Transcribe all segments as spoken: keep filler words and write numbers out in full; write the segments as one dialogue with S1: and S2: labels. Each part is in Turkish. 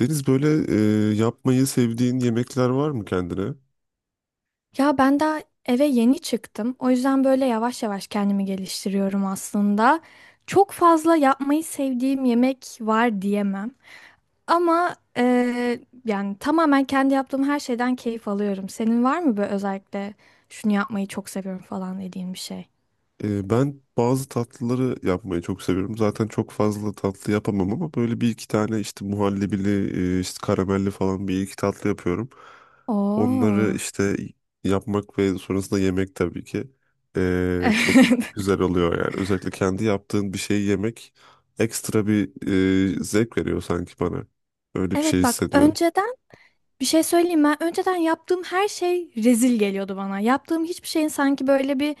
S1: Deniz böyle e, yapmayı sevdiğin yemekler var mı kendine?
S2: Ya ben daha eve yeni çıktım. O yüzden böyle yavaş yavaş kendimi geliştiriyorum aslında. Çok fazla yapmayı sevdiğim yemek var diyemem. Ama eee, yani tamamen kendi yaptığım her şeyden keyif alıyorum. Senin var mı böyle özellikle şunu yapmayı çok seviyorum falan dediğin bir şey?
S1: E, ben bazı tatlıları yapmayı çok seviyorum. Zaten çok fazla tatlı yapamam ama böyle bir iki tane işte muhallebili, e, işte karamelli falan bir iki tatlı yapıyorum. Onları
S2: Oo.
S1: işte yapmak ve sonrasında yemek tabii ki e, çok güzel oluyor yani. Özellikle kendi yaptığın bir şeyi yemek ekstra bir e, zevk veriyor sanki bana. Öyle bir şey
S2: Evet, bak
S1: hissediyorum.
S2: önceden bir şey söyleyeyim, ben önceden yaptığım her şey rezil geliyordu bana. Yaptığım hiçbir şeyin sanki böyle bir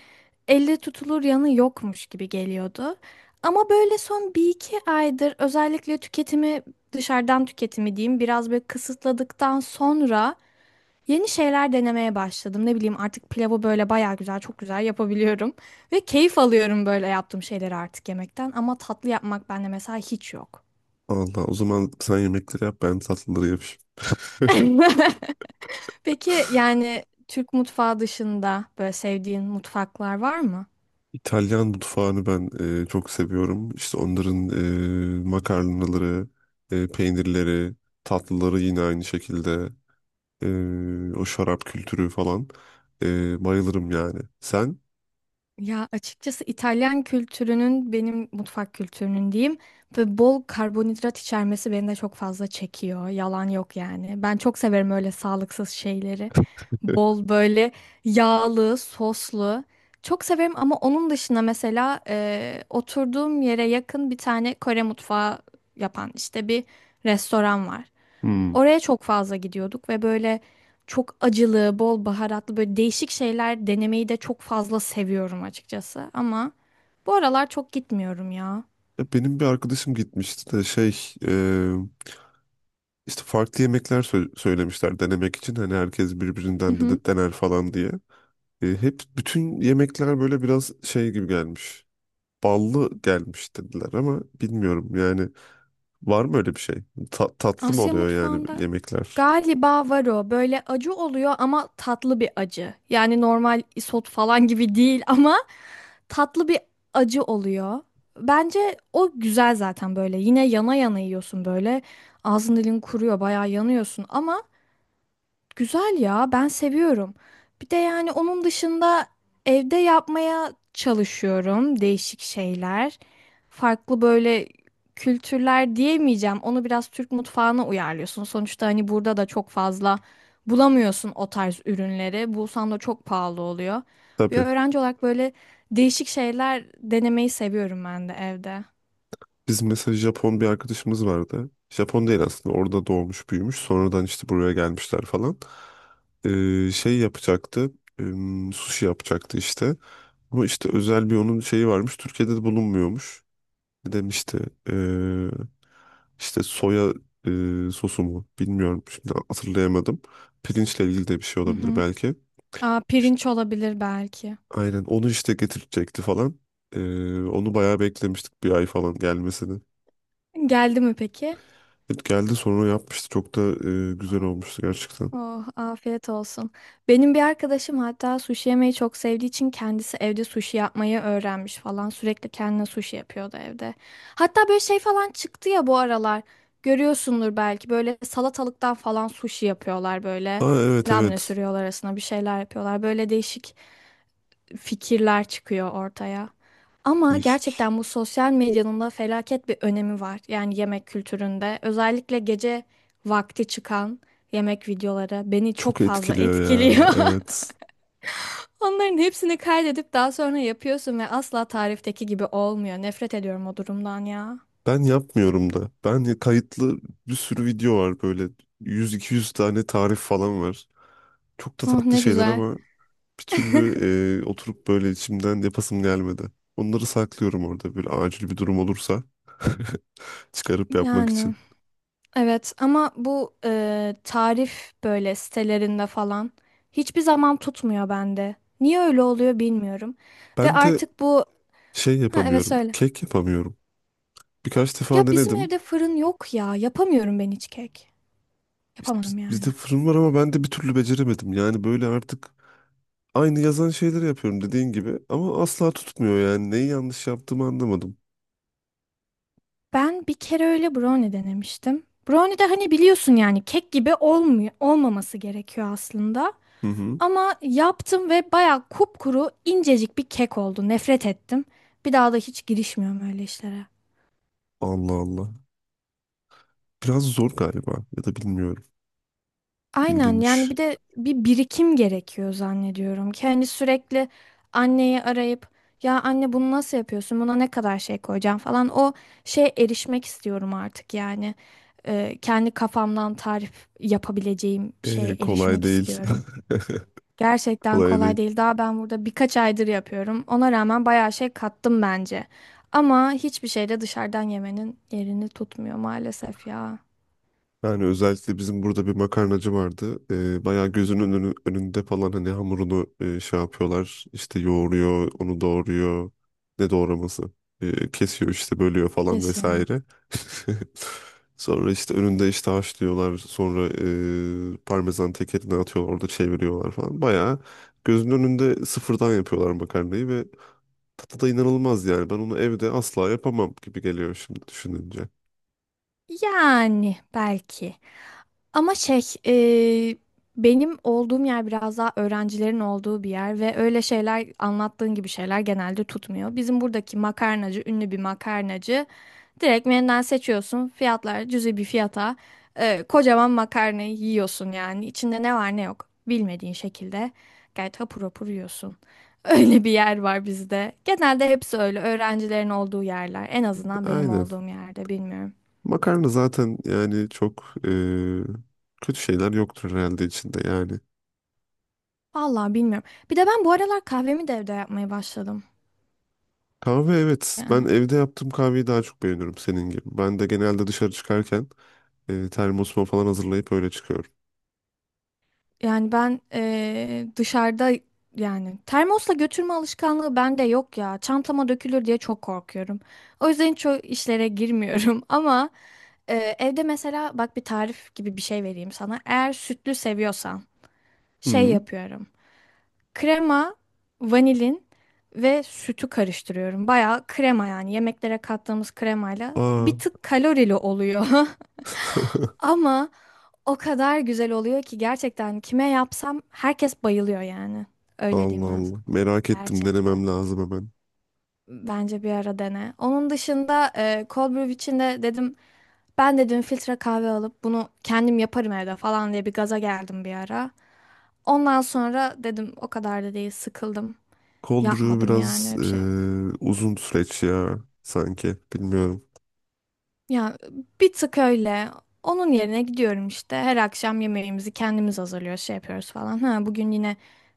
S2: elle tutulur yanı yokmuş gibi geliyordu. Ama böyle son bir iki aydır özellikle tüketimi, dışarıdan tüketimi diyeyim, biraz böyle kısıtladıktan sonra yeni şeyler denemeye başladım. Ne bileyim, artık pilavı böyle baya güzel, çok güzel yapabiliyorum. Ve keyif alıyorum böyle yaptığım şeyleri artık yemekten, ama tatlı yapmak bende mesela hiç yok.
S1: Allah o zaman sen yemekleri yap ben tatlıları yapayım.
S2: Peki, yani Türk mutfağı dışında böyle sevdiğin mutfaklar var mı?
S1: İtalyan mutfağını ben e, çok seviyorum. İşte onların e, makarnaları, e, peynirleri, tatlıları yine aynı şekilde. E, o şarap kültürü falan. E, bayılırım yani. Sen?
S2: Ya açıkçası İtalyan kültürünün, benim mutfak kültürünün diyeyim, ve bol karbonhidrat içermesi beni de çok fazla çekiyor. Yalan yok yani. Ben çok severim öyle sağlıksız şeyleri. Bol böyle yağlı, soslu. Çok severim, ama onun dışında mesela e, oturduğum yere yakın bir tane Kore mutfağı yapan işte bir restoran var.
S1: Hmm.
S2: Oraya çok fazla gidiyorduk ve böyle çok acılı, bol baharatlı böyle değişik şeyler denemeyi de çok fazla seviyorum açıkçası. Ama bu aralar çok gitmiyorum ya.
S1: Ya benim bir arkadaşım gitmişti de şey e, işte farklı yemekler sö- söylemişler denemek için. Hani herkes
S2: Hı
S1: birbirinden de
S2: hı.
S1: de dener falan diye. E, hep bütün yemekler böyle biraz şey gibi gelmiş. Ballı gelmiş dediler ama bilmiyorum yani, var mı öyle bir şey? Ta- tatlı mı
S2: Asya
S1: oluyor yani
S2: mutfağında
S1: yemekler?
S2: galiba var o. Böyle acı oluyor ama tatlı bir acı. Yani normal isot falan gibi değil ama tatlı bir acı oluyor. Bence o güzel zaten böyle. Yine yana yana yiyorsun böyle. Ağzın dilin kuruyor, bayağı yanıyorsun ama güzel ya, ben seviyorum. Bir de yani onun dışında evde yapmaya çalışıyorum değişik şeyler. Farklı böyle kültürler diyemeyeceğim. Onu biraz Türk mutfağına uyarlıyorsun. Sonuçta hani burada da çok fazla bulamıyorsun o tarz ürünleri. Bulsan da çok pahalı oluyor. Bir
S1: Tabii.
S2: öğrenci olarak böyle değişik şeyler denemeyi seviyorum ben de evde.
S1: Biz mesela Japon bir arkadaşımız vardı. Japon değil aslında orada doğmuş büyümüş sonradan işte buraya gelmişler falan. E, şey yapacaktı. e, Sushi yapacaktı işte. Ama işte özel bir onun şeyi varmış. Türkiye'de de bulunmuyormuş. Ne demişti? Ee, işte soya e, sosu mu? Bilmiyorum. Şimdi hatırlayamadım. Pirinçle ilgili de bir şey
S2: Hı
S1: olabilir
S2: hı.
S1: belki.
S2: Aa,
S1: İşte,
S2: pirinç olabilir belki.
S1: aynen onu işte getirecekti falan. Ee, onu bayağı beklemiştik bir ay falan gelmesini.
S2: Geldi mi peki?
S1: Evet, geldi sonra yapmıştı. Çok da e, güzel olmuştu gerçekten.
S2: Oh, afiyet olsun. Benim bir arkadaşım hatta sushi yemeyi çok sevdiği için kendisi evde sushi yapmayı öğrenmiş falan. Sürekli kendine sushi yapıyordu evde. Hatta böyle şey falan çıktı ya bu aralar. Görüyorsundur belki, böyle salatalıktan falan sushi yapıyorlar böyle.
S1: Aa, evet,
S2: Labne
S1: evet.
S2: sürüyorlar arasına, bir şeyler yapıyorlar. Böyle değişik fikirler çıkıyor ortaya. Ama
S1: Değişik.
S2: gerçekten bu sosyal medyanın da felaket bir önemi var. Yani yemek kültüründe özellikle gece vakti çıkan yemek videoları beni
S1: Çok
S2: çok fazla
S1: etkiliyor ya.
S2: etkiliyor.
S1: Evet.
S2: Onların hepsini kaydedip daha sonra yapıyorsun ve asla tarifteki gibi olmuyor. Nefret ediyorum o durumdan ya.
S1: Ben yapmıyorum da. Ben kayıtlı bir sürü video var böyle. Yüz iki yüz tane tarif falan var. Çok da
S2: Oh,
S1: tatlı
S2: ne
S1: şeyler
S2: güzel.
S1: ama bir türlü e, oturup böyle içimden yapasım gelmedi. Onları saklıyorum orada böyle acil bir durum olursa çıkarıp yapmak
S2: Yani.
S1: için.
S2: Evet, ama bu e, tarif böyle sitelerinde falan hiçbir zaman tutmuyor bende. Niye öyle oluyor bilmiyorum. Ve
S1: Ben de
S2: artık bu...
S1: şey
S2: Ha evet,
S1: yapamıyorum,
S2: söyle.
S1: kek yapamıyorum. Birkaç
S2: Ya
S1: defa
S2: bizim
S1: denedim.
S2: evde fırın yok ya. Yapamıyorum ben hiç kek.
S1: İşte biz-
S2: Yapamadım
S1: bizde
S2: yani.
S1: fırın var ama ben de bir türlü beceremedim. Yani böyle artık aynı yazan şeyleri yapıyorum dediğin gibi ama asla tutmuyor yani. Neyi yanlış yaptığımı anlamadım.
S2: Ben bir kere öyle brownie denemiştim. Brownie de hani biliyorsun, yani kek gibi olmuyor, olmaması gerekiyor aslında.
S1: Hı hı.
S2: Ama yaptım ve bayağı kupkuru, incecik bir kek oldu. Nefret ettim. Bir daha da hiç girişmiyorum öyle işlere.
S1: Allah Allah. Biraz zor galiba ya da bilmiyorum.
S2: Aynen, yani
S1: İlginç.
S2: bir de bir birikim gerekiyor zannediyorum ki hani sürekli anneyi arayıp, ya anne bunu nasıl yapıyorsun, buna ne kadar şey koyacağım falan, o şeye erişmek istiyorum artık yani. Ee, kendi kafamdan tarif yapabileceğim
S1: Ee,
S2: şeye
S1: kolay
S2: erişmek
S1: değil.
S2: istiyorum. Gerçekten
S1: Kolay
S2: kolay
S1: değil.
S2: değil, daha ben burada birkaç aydır yapıyorum, ona rağmen bayağı şey kattım bence, ama hiçbir şey de dışarıdan yemenin yerini tutmuyor maalesef ya.
S1: Yani özellikle bizim burada bir makarnacı vardı. Ee, bayağı gözünün önü- önünde falan hani hamurunu e, şey yapıyorlar. İşte yoğuruyor, onu doğruyor. Ne doğraması? Ee, kesiyor işte bölüyor falan
S2: Kesin.
S1: vesaire. Sonra işte önünde işte haşlıyorlar. Sonra e, parmesan tekerine atıyorlar. Orada çeviriyorlar falan. Bayağı gözünün önünde sıfırdan yapıyorlar makarnayı ve tadı da inanılmaz yani. Ben onu evde asla yapamam gibi geliyor şimdi düşününce.
S2: Yani belki. Ama şey, e, benim olduğum yer biraz daha öğrencilerin olduğu bir yer ve öyle şeyler, anlattığın gibi şeyler genelde tutmuyor. Bizim buradaki makarnacı, ünlü bir makarnacı. Direkt menüden seçiyorsun. Fiyatlar cüzi bir fiyata. E, kocaman makarnayı yiyorsun yani. İçinde ne var ne yok bilmediğin şekilde gayet hapur hapur yiyorsun. Öyle bir yer var bizde. Genelde hepsi öyle öğrencilerin olduğu yerler. En azından benim
S1: Aynen.
S2: olduğum yerde, bilmiyorum.
S1: Makarna zaten yani çok eee, kötü şeyler yoktur herhalde içinde yani.
S2: Vallahi bilmiyorum. Bir de ben bu aralar kahvemi de evde yapmaya başladım.
S1: Kahve, evet. Ben
S2: Yani
S1: evde yaptığım kahveyi daha çok beğeniyorum senin gibi. Ben de genelde dışarı çıkarken eee termosuma falan hazırlayıp öyle çıkıyorum.
S2: yani ben eee, dışarıda, yani termosla götürme alışkanlığı bende yok ya. Çantama dökülür diye çok korkuyorum. O yüzden çok işlere girmiyorum ama eee, evde mesela bak, bir tarif gibi bir şey vereyim sana. Eğer sütlü seviyorsan şey
S1: Hı.
S2: yapıyorum. Krema, vanilin ve sütü karıştırıyorum. Bayağı krema, yani yemeklere kattığımız kremayla,
S1: Aa.
S2: bir tık kalorili oluyor. Ama o kadar güzel oluyor ki, gerçekten kime yapsam herkes bayılıyor yani. Öyle
S1: Allah
S2: diyeyim ben sana.
S1: Allah. Merak ettim.
S2: Gerçekten.
S1: Denemem lazım hemen.
S2: Bence bir ara dene. Onun dışında e, cold brew için de dedim, ben dedim filtre kahve alıp bunu kendim yaparım evde falan diye bir gaza geldim bir ara. Ondan sonra dedim o kadar da değil, sıkıldım.
S1: Cold brew
S2: Yapmadım yani
S1: biraz
S2: öyle bir şey.
S1: eee, uzun süreç ya sanki. Bilmiyorum.
S2: Ya bir tık öyle. Onun yerine gidiyorum işte. Her akşam yemeğimizi kendimiz hazırlıyoruz, şey yapıyoruz falan. Ha, bugün yine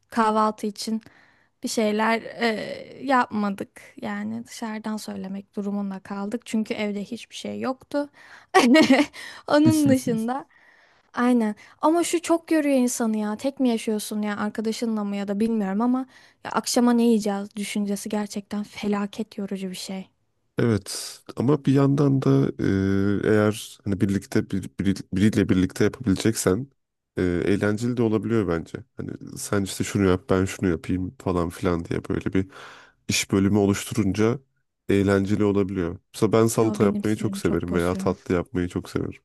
S2: kahvaltı için bir şeyler e, yapmadık. Yani dışarıdan söylemek durumunda kaldık. Çünkü evde hiçbir şey yoktu. Onun dışında aynen. Ama şu çok yoruyor insanı ya. Tek mi yaşıyorsun ya arkadaşınla mı, ya da bilmiyorum, ama ya akşama ne yiyeceğiz düşüncesi gerçekten felaket yorucu bir şey.
S1: Evet, ama bir yandan da e, eğer hani birlikte bir, biri- biriyle birlikte yapabileceksen e, eğlenceli de olabiliyor bence. Hani sen işte şunu yap ben şunu yapayım falan filan diye böyle bir iş bölümü oluşturunca eğlenceli olabiliyor. Mesela ben
S2: Ya
S1: salata
S2: benim
S1: yapmayı çok
S2: sinirimi çok
S1: severim veya
S2: bozuyor.
S1: tatlı yapmayı çok severim.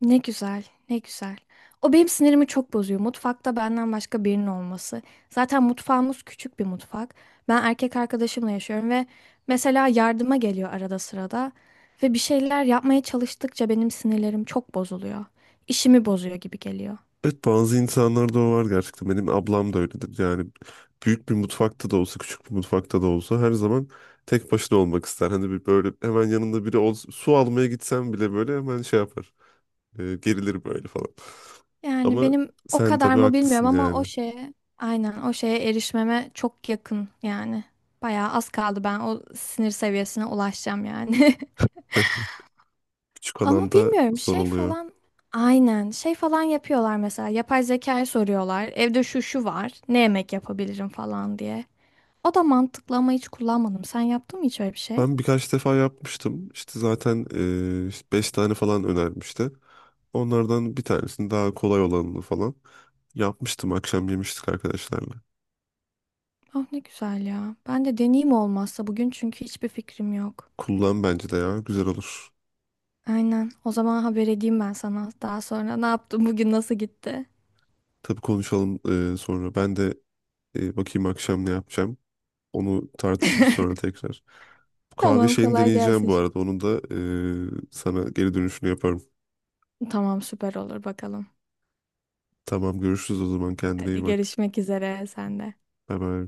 S2: Ne güzel, ne güzel. O benim sinirimi çok bozuyor. Mutfakta benden başka birinin olması. Zaten mutfağımız küçük bir mutfak. Ben erkek arkadaşımla yaşıyorum ve mesela yardıma geliyor arada sırada. Ve bir şeyler yapmaya çalıştıkça benim sinirlerim çok bozuluyor. İşimi bozuyor gibi geliyor.
S1: Evet, bazı insanlarda o var gerçekten. Benim ablam da öyledir. Yani büyük bir mutfakta da olsa, küçük bir mutfakta da olsa her zaman tek başına olmak ister. Hani bir böyle hemen yanında biri olsa, su almaya gitsem bile böyle hemen şey yapar. E, gerilir böyle falan.
S2: Yani
S1: Ama
S2: benim o
S1: sen
S2: kadar
S1: tabii
S2: mı bilmiyorum,
S1: haklısın
S2: ama o
S1: yani.
S2: şeye, aynen o şeye erişmeme çok yakın yani. Bayağı az kaldı, ben o sinir seviyesine ulaşacağım yani.
S1: Küçük
S2: Ama
S1: alanda
S2: bilmiyorum,
S1: zor
S2: şey
S1: oluyor.
S2: falan, aynen şey falan yapıyorlar mesela, yapay zekayı soruyorlar. Evde şu şu var, ne yemek yapabilirim falan diye. O da mantıklı, ama hiç kullanmadım. Sen yaptın mı hiç öyle bir şey?
S1: Ben birkaç defa yapmıştım. İşte zaten e, işte beş tane falan önermişti. Onlardan bir tanesini daha kolay olanını falan yapmıştım. Akşam yemiştik arkadaşlarla.
S2: Ah, ne güzel ya. Ben de deneyeyim olmazsa bugün, çünkü hiçbir fikrim yok.
S1: Kullan bence de ya. Güzel olur.
S2: Aynen. O zaman haber edeyim ben sana. Daha sonra ne yaptım bugün, nasıl gitti?
S1: Tabii, konuşalım e, sonra. Ben de e, bakayım akşam ne yapacağım. Onu tartışırız sonra tekrar. Bu kahve
S2: Tamam,
S1: şeyini
S2: kolay
S1: deneyeceğim
S2: gelsin
S1: bu
S2: şimdi.
S1: arada. Onun da e, sana geri dönüşünü yaparım.
S2: Tamam, süper olur bakalım.
S1: Tamam, görüşürüz o zaman. Kendine iyi
S2: Hadi
S1: bak.
S2: görüşmek üzere sen de.
S1: Bye bye.